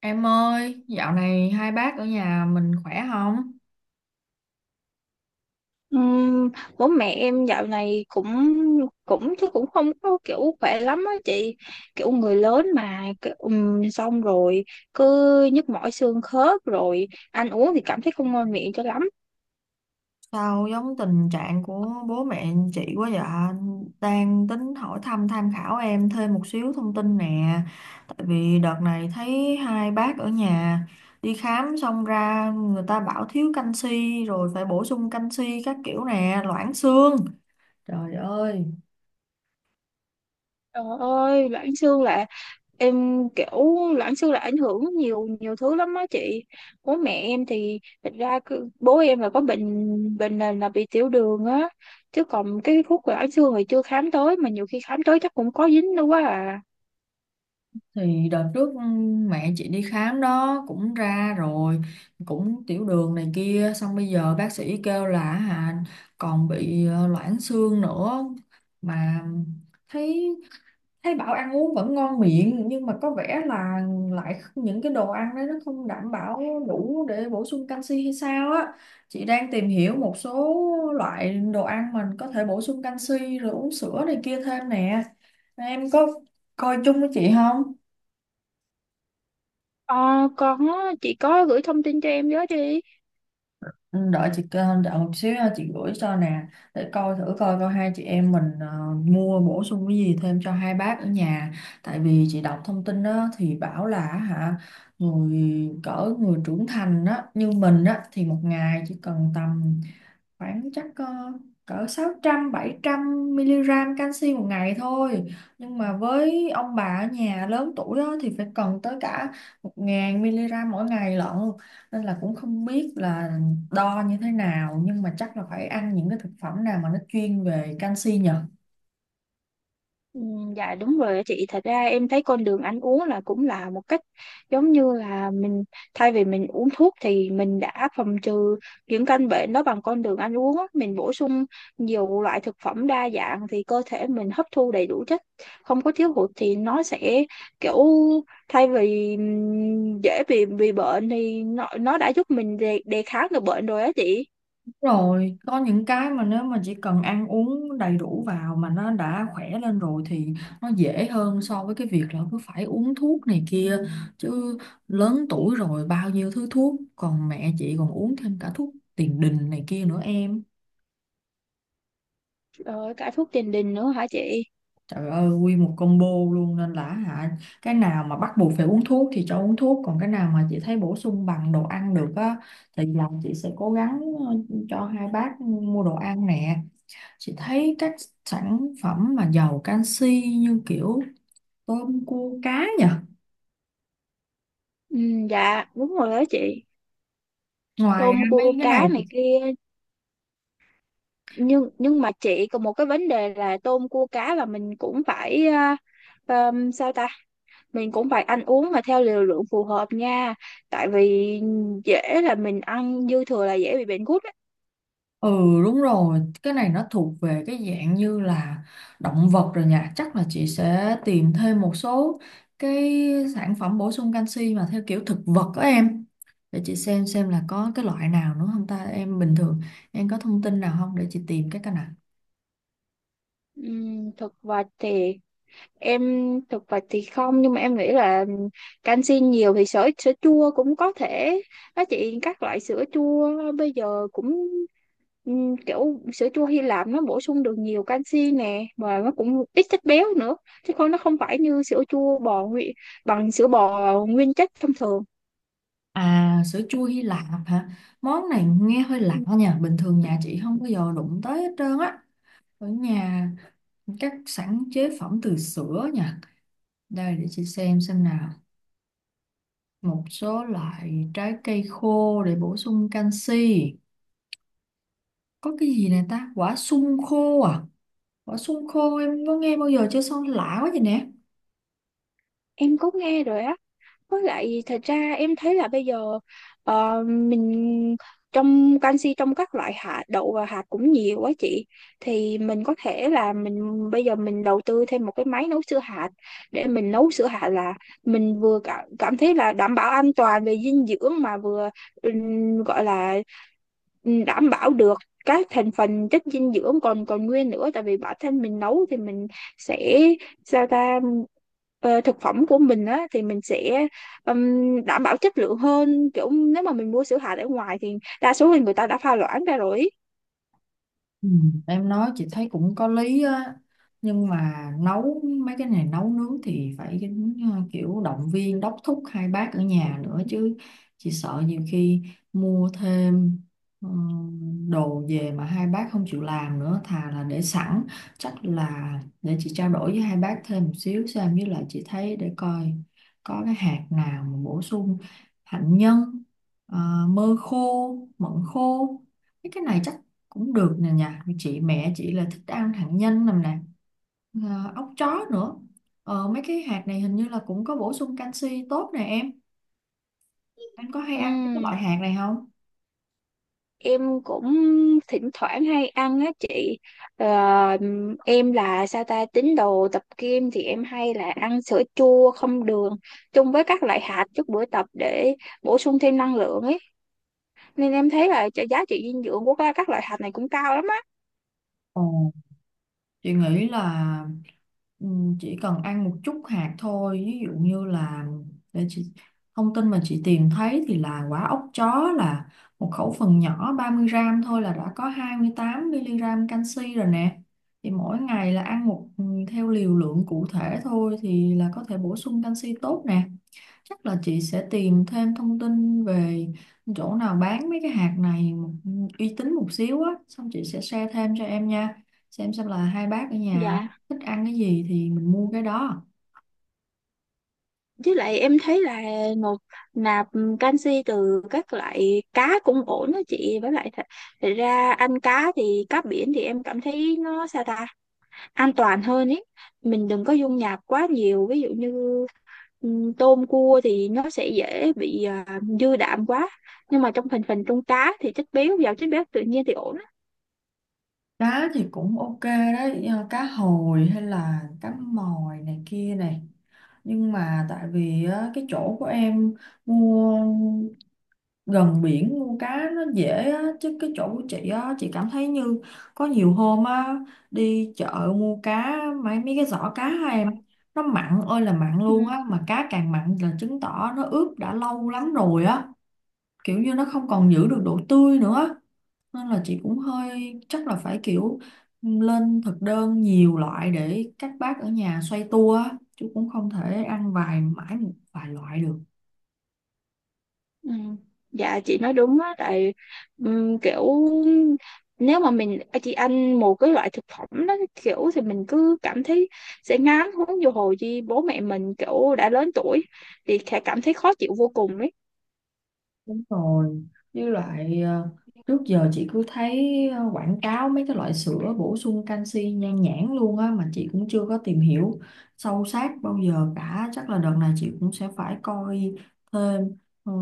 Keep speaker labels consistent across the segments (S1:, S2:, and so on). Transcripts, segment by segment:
S1: Em ơi, dạo này hai bác ở nhà mình khỏe không?
S2: Ừm, Bố mẹ em dạo này cũng cũng chứ cũng không có kiểu khỏe lắm á chị, kiểu người lớn mà kiểu, xong rồi cứ nhức mỏi xương khớp rồi ăn uống thì cảm thấy không ngon miệng cho lắm.
S1: Sao giống tình trạng của bố mẹ chị quá vậy? Đang tính hỏi thăm tham khảo em thêm một xíu thông tin nè. Tại vì đợt này thấy hai bác ở nhà đi khám xong ra người ta bảo thiếu canxi rồi phải bổ sung canxi các kiểu nè, loãng xương. Trời ơi,
S2: Trời ơi, loãng xương là em kiểu loãng xương là ảnh hưởng nhiều nhiều thứ lắm á chị. Bố mẹ em thì thật ra cứ- bố em là có bệnh bệnh nền là bị tiểu đường á, chứ còn cái khúc loãng xương thì chưa khám tới, mà nhiều khi khám tới chắc cũng có dính đâu quá à.
S1: thì đợt trước mẹ chị đi khám đó cũng ra rồi, cũng tiểu đường này kia, xong bây giờ bác sĩ kêu là còn bị loãng xương nữa, mà thấy thấy bảo ăn uống vẫn ngon miệng nhưng mà có vẻ là lại những cái đồ ăn đấy nó không đảm bảo đủ để bổ sung canxi hay sao á. Chị đang tìm hiểu một số loại đồ ăn mình có thể bổ sung canxi rồi uống sữa này kia thêm nè, em có coi chung với chị không?
S2: Ờ, con á, chị có gửi thông tin cho em với đi.
S1: Ừ, đợi chị kêu- đợi một xíu ha, chị gửi cho nè để coi thử coi coi hai chị em mình mua bổ sung cái gì thêm cho hai bác ở nhà. Tại vì chị đọc thông tin đó, thì bảo là người, cỡ người trưởng thành đó như mình á thì một ngày chỉ cần tầm khoảng chắc cỡ 600 700 mg canxi một ngày thôi, nhưng mà với ông bà ở nhà lớn tuổi đó thì phải cần tới cả 1.000 mg mỗi ngày lận. Nên là cũng không biết là đo như thế nào, nhưng mà chắc là phải ăn những cái thực phẩm nào mà nó chuyên về canxi nhỉ.
S2: Ừ, dạ đúng rồi chị, thật ra em thấy con đường ăn uống là cũng là một cách, giống như là mình thay vì mình uống thuốc thì mình đã phòng trừ những căn bệnh đó bằng con đường ăn uống á. Mình bổ sung nhiều loại thực phẩm đa dạng thì cơ thể mình hấp thu đầy đủ chất, không có thiếu hụt thì nó sẽ kiểu, thay vì dễ bị bệnh thì nó đã giúp mình đề kháng được bệnh rồi á chị.
S1: Rồi có những cái mà nếu mà chỉ cần ăn uống đầy đủ vào mà nó đã khỏe lên rồi thì nó dễ hơn so với cái việc là cứ phải uống thuốc này kia chứ. Lớn tuổi rồi bao nhiêu thứ thuốc, còn mẹ chị còn uống thêm cả thuốc tiền đình này kia nữa em.
S2: Rồi cả thuốc tiền đình nữa hả chị?
S1: Trời ơi, nguyên một combo luôn, nên là cái nào mà bắt buộc phải uống thuốc thì cho uống thuốc, còn cái nào mà chị thấy bổ sung bằng đồ ăn được á thì là chị sẽ cố gắng ờ, cho hai bác mua đồ ăn nè. Chị thấy các sản phẩm mà giàu canxi như kiểu tôm cua cá nhỉ.
S2: Ừ, dạ đúng rồi đó chị.
S1: Ngoài ra
S2: Tôm
S1: mấy
S2: cua
S1: cái này
S2: cá
S1: thì-
S2: này kia, nhưng mà chị còn một cái vấn đề là tôm cua cá là mình cũng phải sao ta, mình cũng phải ăn uống mà theo liều lượng phù hợp nha, tại vì dễ là mình ăn dư thừa là dễ bị bệnh gút á.
S1: ừ, đúng rồi, cái này nó thuộc về cái dạng như là động vật rồi nhỉ. Chắc là chị sẽ tìm thêm một số cái sản phẩm bổ sung canxi mà theo kiểu thực vật đó em. Để chị xem là có cái loại nào nữa không ta. Em bình thường em có thông tin nào không để chị tìm cái nào.
S2: Thực vật thì em, thực vật thì không, nhưng mà em nghĩ là canxi nhiều thì sữa sữa chua cũng có thể đó chị, các loại sữa chua bây giờ cũng kiểu sữa chua Hy Lạp nó bổ sung được nhiều canxi nè và nó cũng ít chất béo nữa, chứ không nó không phải như sữa chua bò nguyên, bằng sữa bò nguyên chất thông thường.
S1: À, sữa chua Hy Lạp hả? Món này nghe hơi lạ
S2: Ừ,
S1: nha, bình thường nhà chị không bao giờ đụng tới hết trơn á. Ở nhà các sản chế phẩm từ sữa nha. Đây để chị xem nào. Một số loại trái cây khô để bổ sung canxi. Có cái gì nè ta? Quả sung khô à? Quả sung khô em có nghe bao giờ chưa, sao lạ quá vậy nè.
S2: em có nghe rồi á. Với lại thật ra em thấy là bây giờ, mình, trong canxi trong các loại hạt đậu và hạt cũng nhiều quá chị, thì mình có thể là mình bây giờ mình đầu tư thêm một cái máy nấu sữa hạt, để mình nấu sữa hạt là mình vừa cảm thấy là đảm bảo an toàn về dinh dưỡng, mà vừa gọi là đảm bảo được các thành phần chất dinh dưỡng còn còn nguyên nữa, tại vì bản thân mình nấu thì mình sẽ, sao ta, thực phẩm của mình á thì mình sẽ đảm bảo chất lượng hơn, kiểu nếu mà mình mua sữa hạt ở ngoài thì đa số là người ta đã pha loãng ra rồi ý.
S1: Ừ, em nói chị thấy cũng có lý á, nhưng mà nấu mấy cái này nấu nướng thì phải kiểu động viên đốc thúc hai bác ở nhà nữa chứ. Chị sợ nhiều khi mua thêm ừ, đồ về mà hai bác không chịu làm nữa thà là để sẵn. Chắc là để chị trao đổi với hai bác thêm một xíu xem, với lại chị thấy để coi có cái hạt nào mà bổ sung, hạnh nhân, ờ, mơ khô, mận khô, cái này chắc cũng được nè. Nhà chị mẹ chị là thích ăn hạt nhân nằm nè, à, ốc chó nữa. Mấy cái hạt này hình như là cũng có bổ sung canxi tốt nè em, anh có hay ăn cái
S2: Ừm,
S1: loại hạt này không?
S2: em cũng thỉnh thoảng hay ăn á chị. Ờ, em là sao ta, tín đồ tập gym thì em hay là ăn sữa chua không đường chung với các loại hạt trước buổi tập để bổ sung thêm năng lượng ấy, nên em thấy là giá trị dinh dưỡng của các loại hạt này cũng cao lắm á.
S1: Ồ. Chị nghĩ là chỉ cần ăn một chút hạt thôi, ví dụ như là để chị, thông tin mà chị tìm thấy thì là quả ốc chó là một khẩu phần nhỏ 30 gram thôi là đã có 28 mg canxi rồi nè. Thì mỗi ngày là ăn một, theo liều lượng cụ thể thôi thì là có thể bổ sung canxi tốt nè. Chắc là chị sẽ tìm thêm thông tin về chỗ nào bán mấy cái hạt này một, uy tín một xíu á, xong chị sẽ share thêm cho em nha. Xem là hai bác ở nhà
S2: Dạ.
S1: thích ăn cái gì thì mình mua cái đó.
S2: Với lại em thấy là nộp nạp canxi từ các loại cá cũng ổn đó chị, với lại thật ra ăn cá thì cá biển thì em cảm thấy nó sao ta an toàn hơn ấy, mình đừng có dung nạp quá nhiều, ví dụ như tôm cua thì nó sẽ dễ bị dư đạm quá, nhưng mà trong thành phần trong cá thì chất béo giàu chất béo tự nhiên thì ổn á.
S1: Cá thì cũng ok đấy, cá hồi hay là cá mòi này kia này. Nhưng mà tại vì á, cái chỗ của em mua gần biển mua cá nó dễ á, chứ cái chỗ của chị á, chị cảm thấy như có nhiều hôm á, đi chợ mua cá, mấy mấy cái giỏ cá á em, nó mặn ơi là mặn
S2: Ừ.
S1: luôn á, mà cá càng mặn là chứng tỏ nó ướp đã lâu lắm rồi á, kiểu như nó không còn giữ được độ tươi nữa. Nên là chị cũng hơi, chắc là phải kiểu lên thực đơn nhiều loại để các bác ở nhà xoay tua á, chứ cũng không thể ăn vài mãi một vài loại được.
S2: Ừ. Dạ chị nói đúng á, tại kiểu nếu mà mình chị ăn một cái loại thực phẩm đó kiểu thì mình cứ cảm thấy sẽ ngán, huống vô hồi chi bố mẹ mình kiểu đã lớn tuổi thì sẽ cảm thấy khó chịu vô cùng ấy.
S1: Đúng rồi, với lại trước giờ chị cứ thấy quảng cáo mấy cái loại sữa bổ sung canxi nhan nhản luôn á, mà chị cũng chưa có tìm hiểu sâu sát bao giờ cả. Chắc là đợt này chị cũng sẽ phải coi thêm, ừ,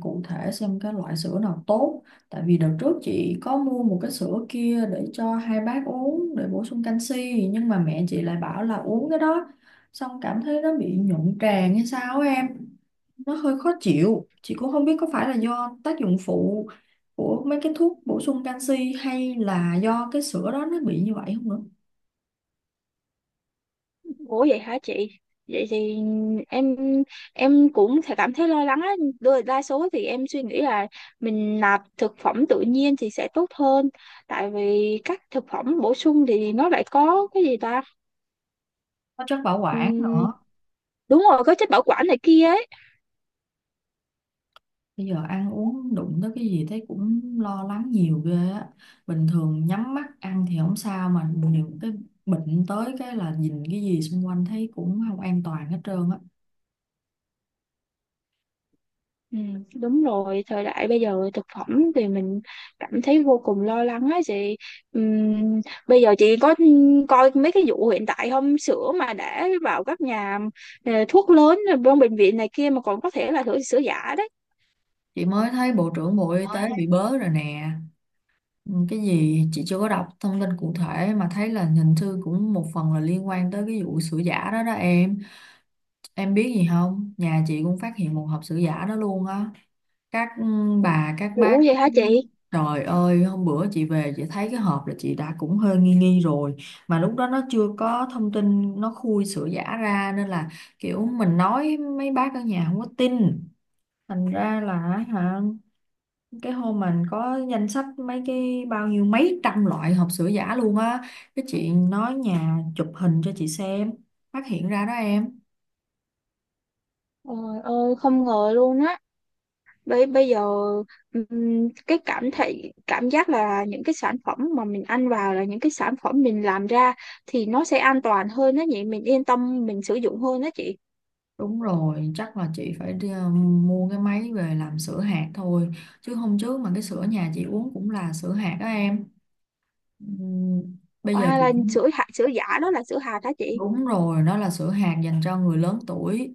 S1: cụ thể xem cái loại sữa nào tốt. Tại vì đợt trước chị có mua một cái sữa kia để cho hai bác uống để bổ sung canxi, nhưng mà mẹ chị lại bảo là uống cái đó xong cảm thấy nó bị nhuận tràng hay sao á em, nó hơi khó chịu. Chị cũng không biết có phải là do tác dụng phụ của mấy cái thuốc bổ sung canxi hay là do cái sữa đó nó bị như vậy không nữa.
S2: Ủa vậy hả chị? Vậy thì em em cũng sẽ cảm thấy lo lắng á. Đa Đa số thì em suy nghĩ là mình nạp thực phẩm tự nhiên thì sẽ tốt hơn. Tại vì các thực phẩm bổ sung thì nó lại có cái gì ta?
S1: Có chất bảo quản nữa.
S2: Đúng rồi, có chất bảo quản này kia ấy.
S1: Bây giờ ăn uống đụng tới cái gì thấy cũng lo lắng nhiều ghê á, bình thường nhắm mắt ăn thì không sao mà những cái bệnh tới cái là nhìn cái gì xung quanh thấy cũng không an toàn hết trơn á.
S2: Ừ, đúng rồi, thời đại bây giờ thực phẩm thì mình cảm thấy vô cùng lo lắng ấy chị. Ừm, bây giờ chị có coi mấy cái vụ hiện tại không, sữa mà đã vào các nhà, thuốc lớn rồi trong bệnh viện này kia mà còn có thể là sữa sữa giả đấy.
S1: Chị mới thấy Bộ trưởng Bộ Y tế
S2: Ôi,
S1: bị bớ rồi nè. Ừ, cái gì chị chưa có đọc thông tin cụ thể, mà thấy là hình như cũng một phần là liên quan tới cái vụ sữa giả đó đó em. Em biết gì không, nhà chị cũng phát hiện một hộp sữa giả đó luôn á, các bà các bác.
S2: ủa vậy hả chị,
S1: Trời ơi hôm bữa chị về chị thấy cái hộp là chị đã cũng hơi nghi nghi rồi, mà lúc đó nó chưa có thông tin nó khui sữa giả ra nên là kiểu mình nói mấy bác ở nhà không có tin, thành ra là hả cái hôm mình có danh sách mấy cái bao nhiêu mấy trăm loại hộp sữa giả luôn á, cái chị nói nhà chụp hình cho chị xem, phát hiện ra đó em.
S2: trời ơi không ngờ luôn á. Bây Bây giờ cái cảm giác là những cái sản phẩm mà mình ăn vào là những cái sản phẩm mình làm ra thì nó sẽ an toàn hơn đó nhỉ, mình yên tâm mình sử dụng hơn đó chị.
S1: Đúng rồi, chắc là chị phải đi, mua cái máy về làm sữa hạt thôi, chứ hôm trước mà cái sữa nhà chị uống cũng là sữa hạt đó em. Ừm, bây giờ
S2: À,
S1: chị
S2: là
S1: chỉ.
S2: sữa hạt, sữa giả đó là sữa hạt đó chị.
S1: Đúng rồi, nó là sữa hạt dành cho người lớn tuổi.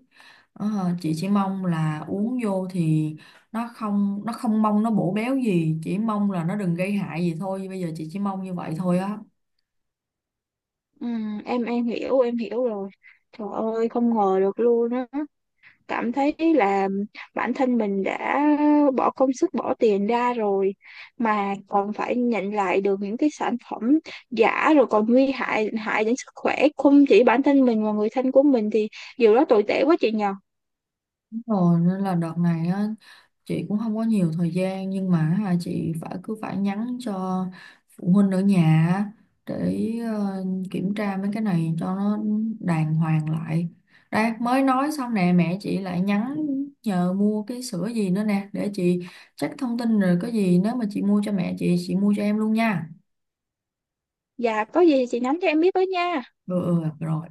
S1: Ờ, chị chỉ mong là uống vô thì nó không, nó không mong nó bổ béo gì, chỉ mong là nó đừng gây hại gì thôi. Bây giờ chị chỉ mong như vậy thôi á.
S2: Em hiểu, em hiểu rồi, trời ơi không ngờ được luôn á, cảm thấy là bản thân mình đã bỏ công sức bỏ tiền ra rồi mà còn phải nhận lại được những cái sản phẩm giả, rồi còn nguy hại hại đến sức khỏe không chỉ bản thân mình mà người thân của mình thì điều đó tồi tệ quá chị nhờ.
S1: Rồi nên là đợt này á, chị cũng không có nhiều thời gian nhưng mà chị phải cứ phải nhắn cho phụ huynh ở nhà á, để kiểm tra mấy cái này cho nó đàng hoàng lại. Đây mới nói xong nè mẹ chị lại nhắn nhờ mua cái sữa gì nữa nè, để chị check thông tin rồi có gì nếu mà chị mua cho mẹ chị mua cho em luôn nha.
S2: Dạ có gì thì chị nhắn cho em biết với nha.
S1: Ừ, ừ rồi.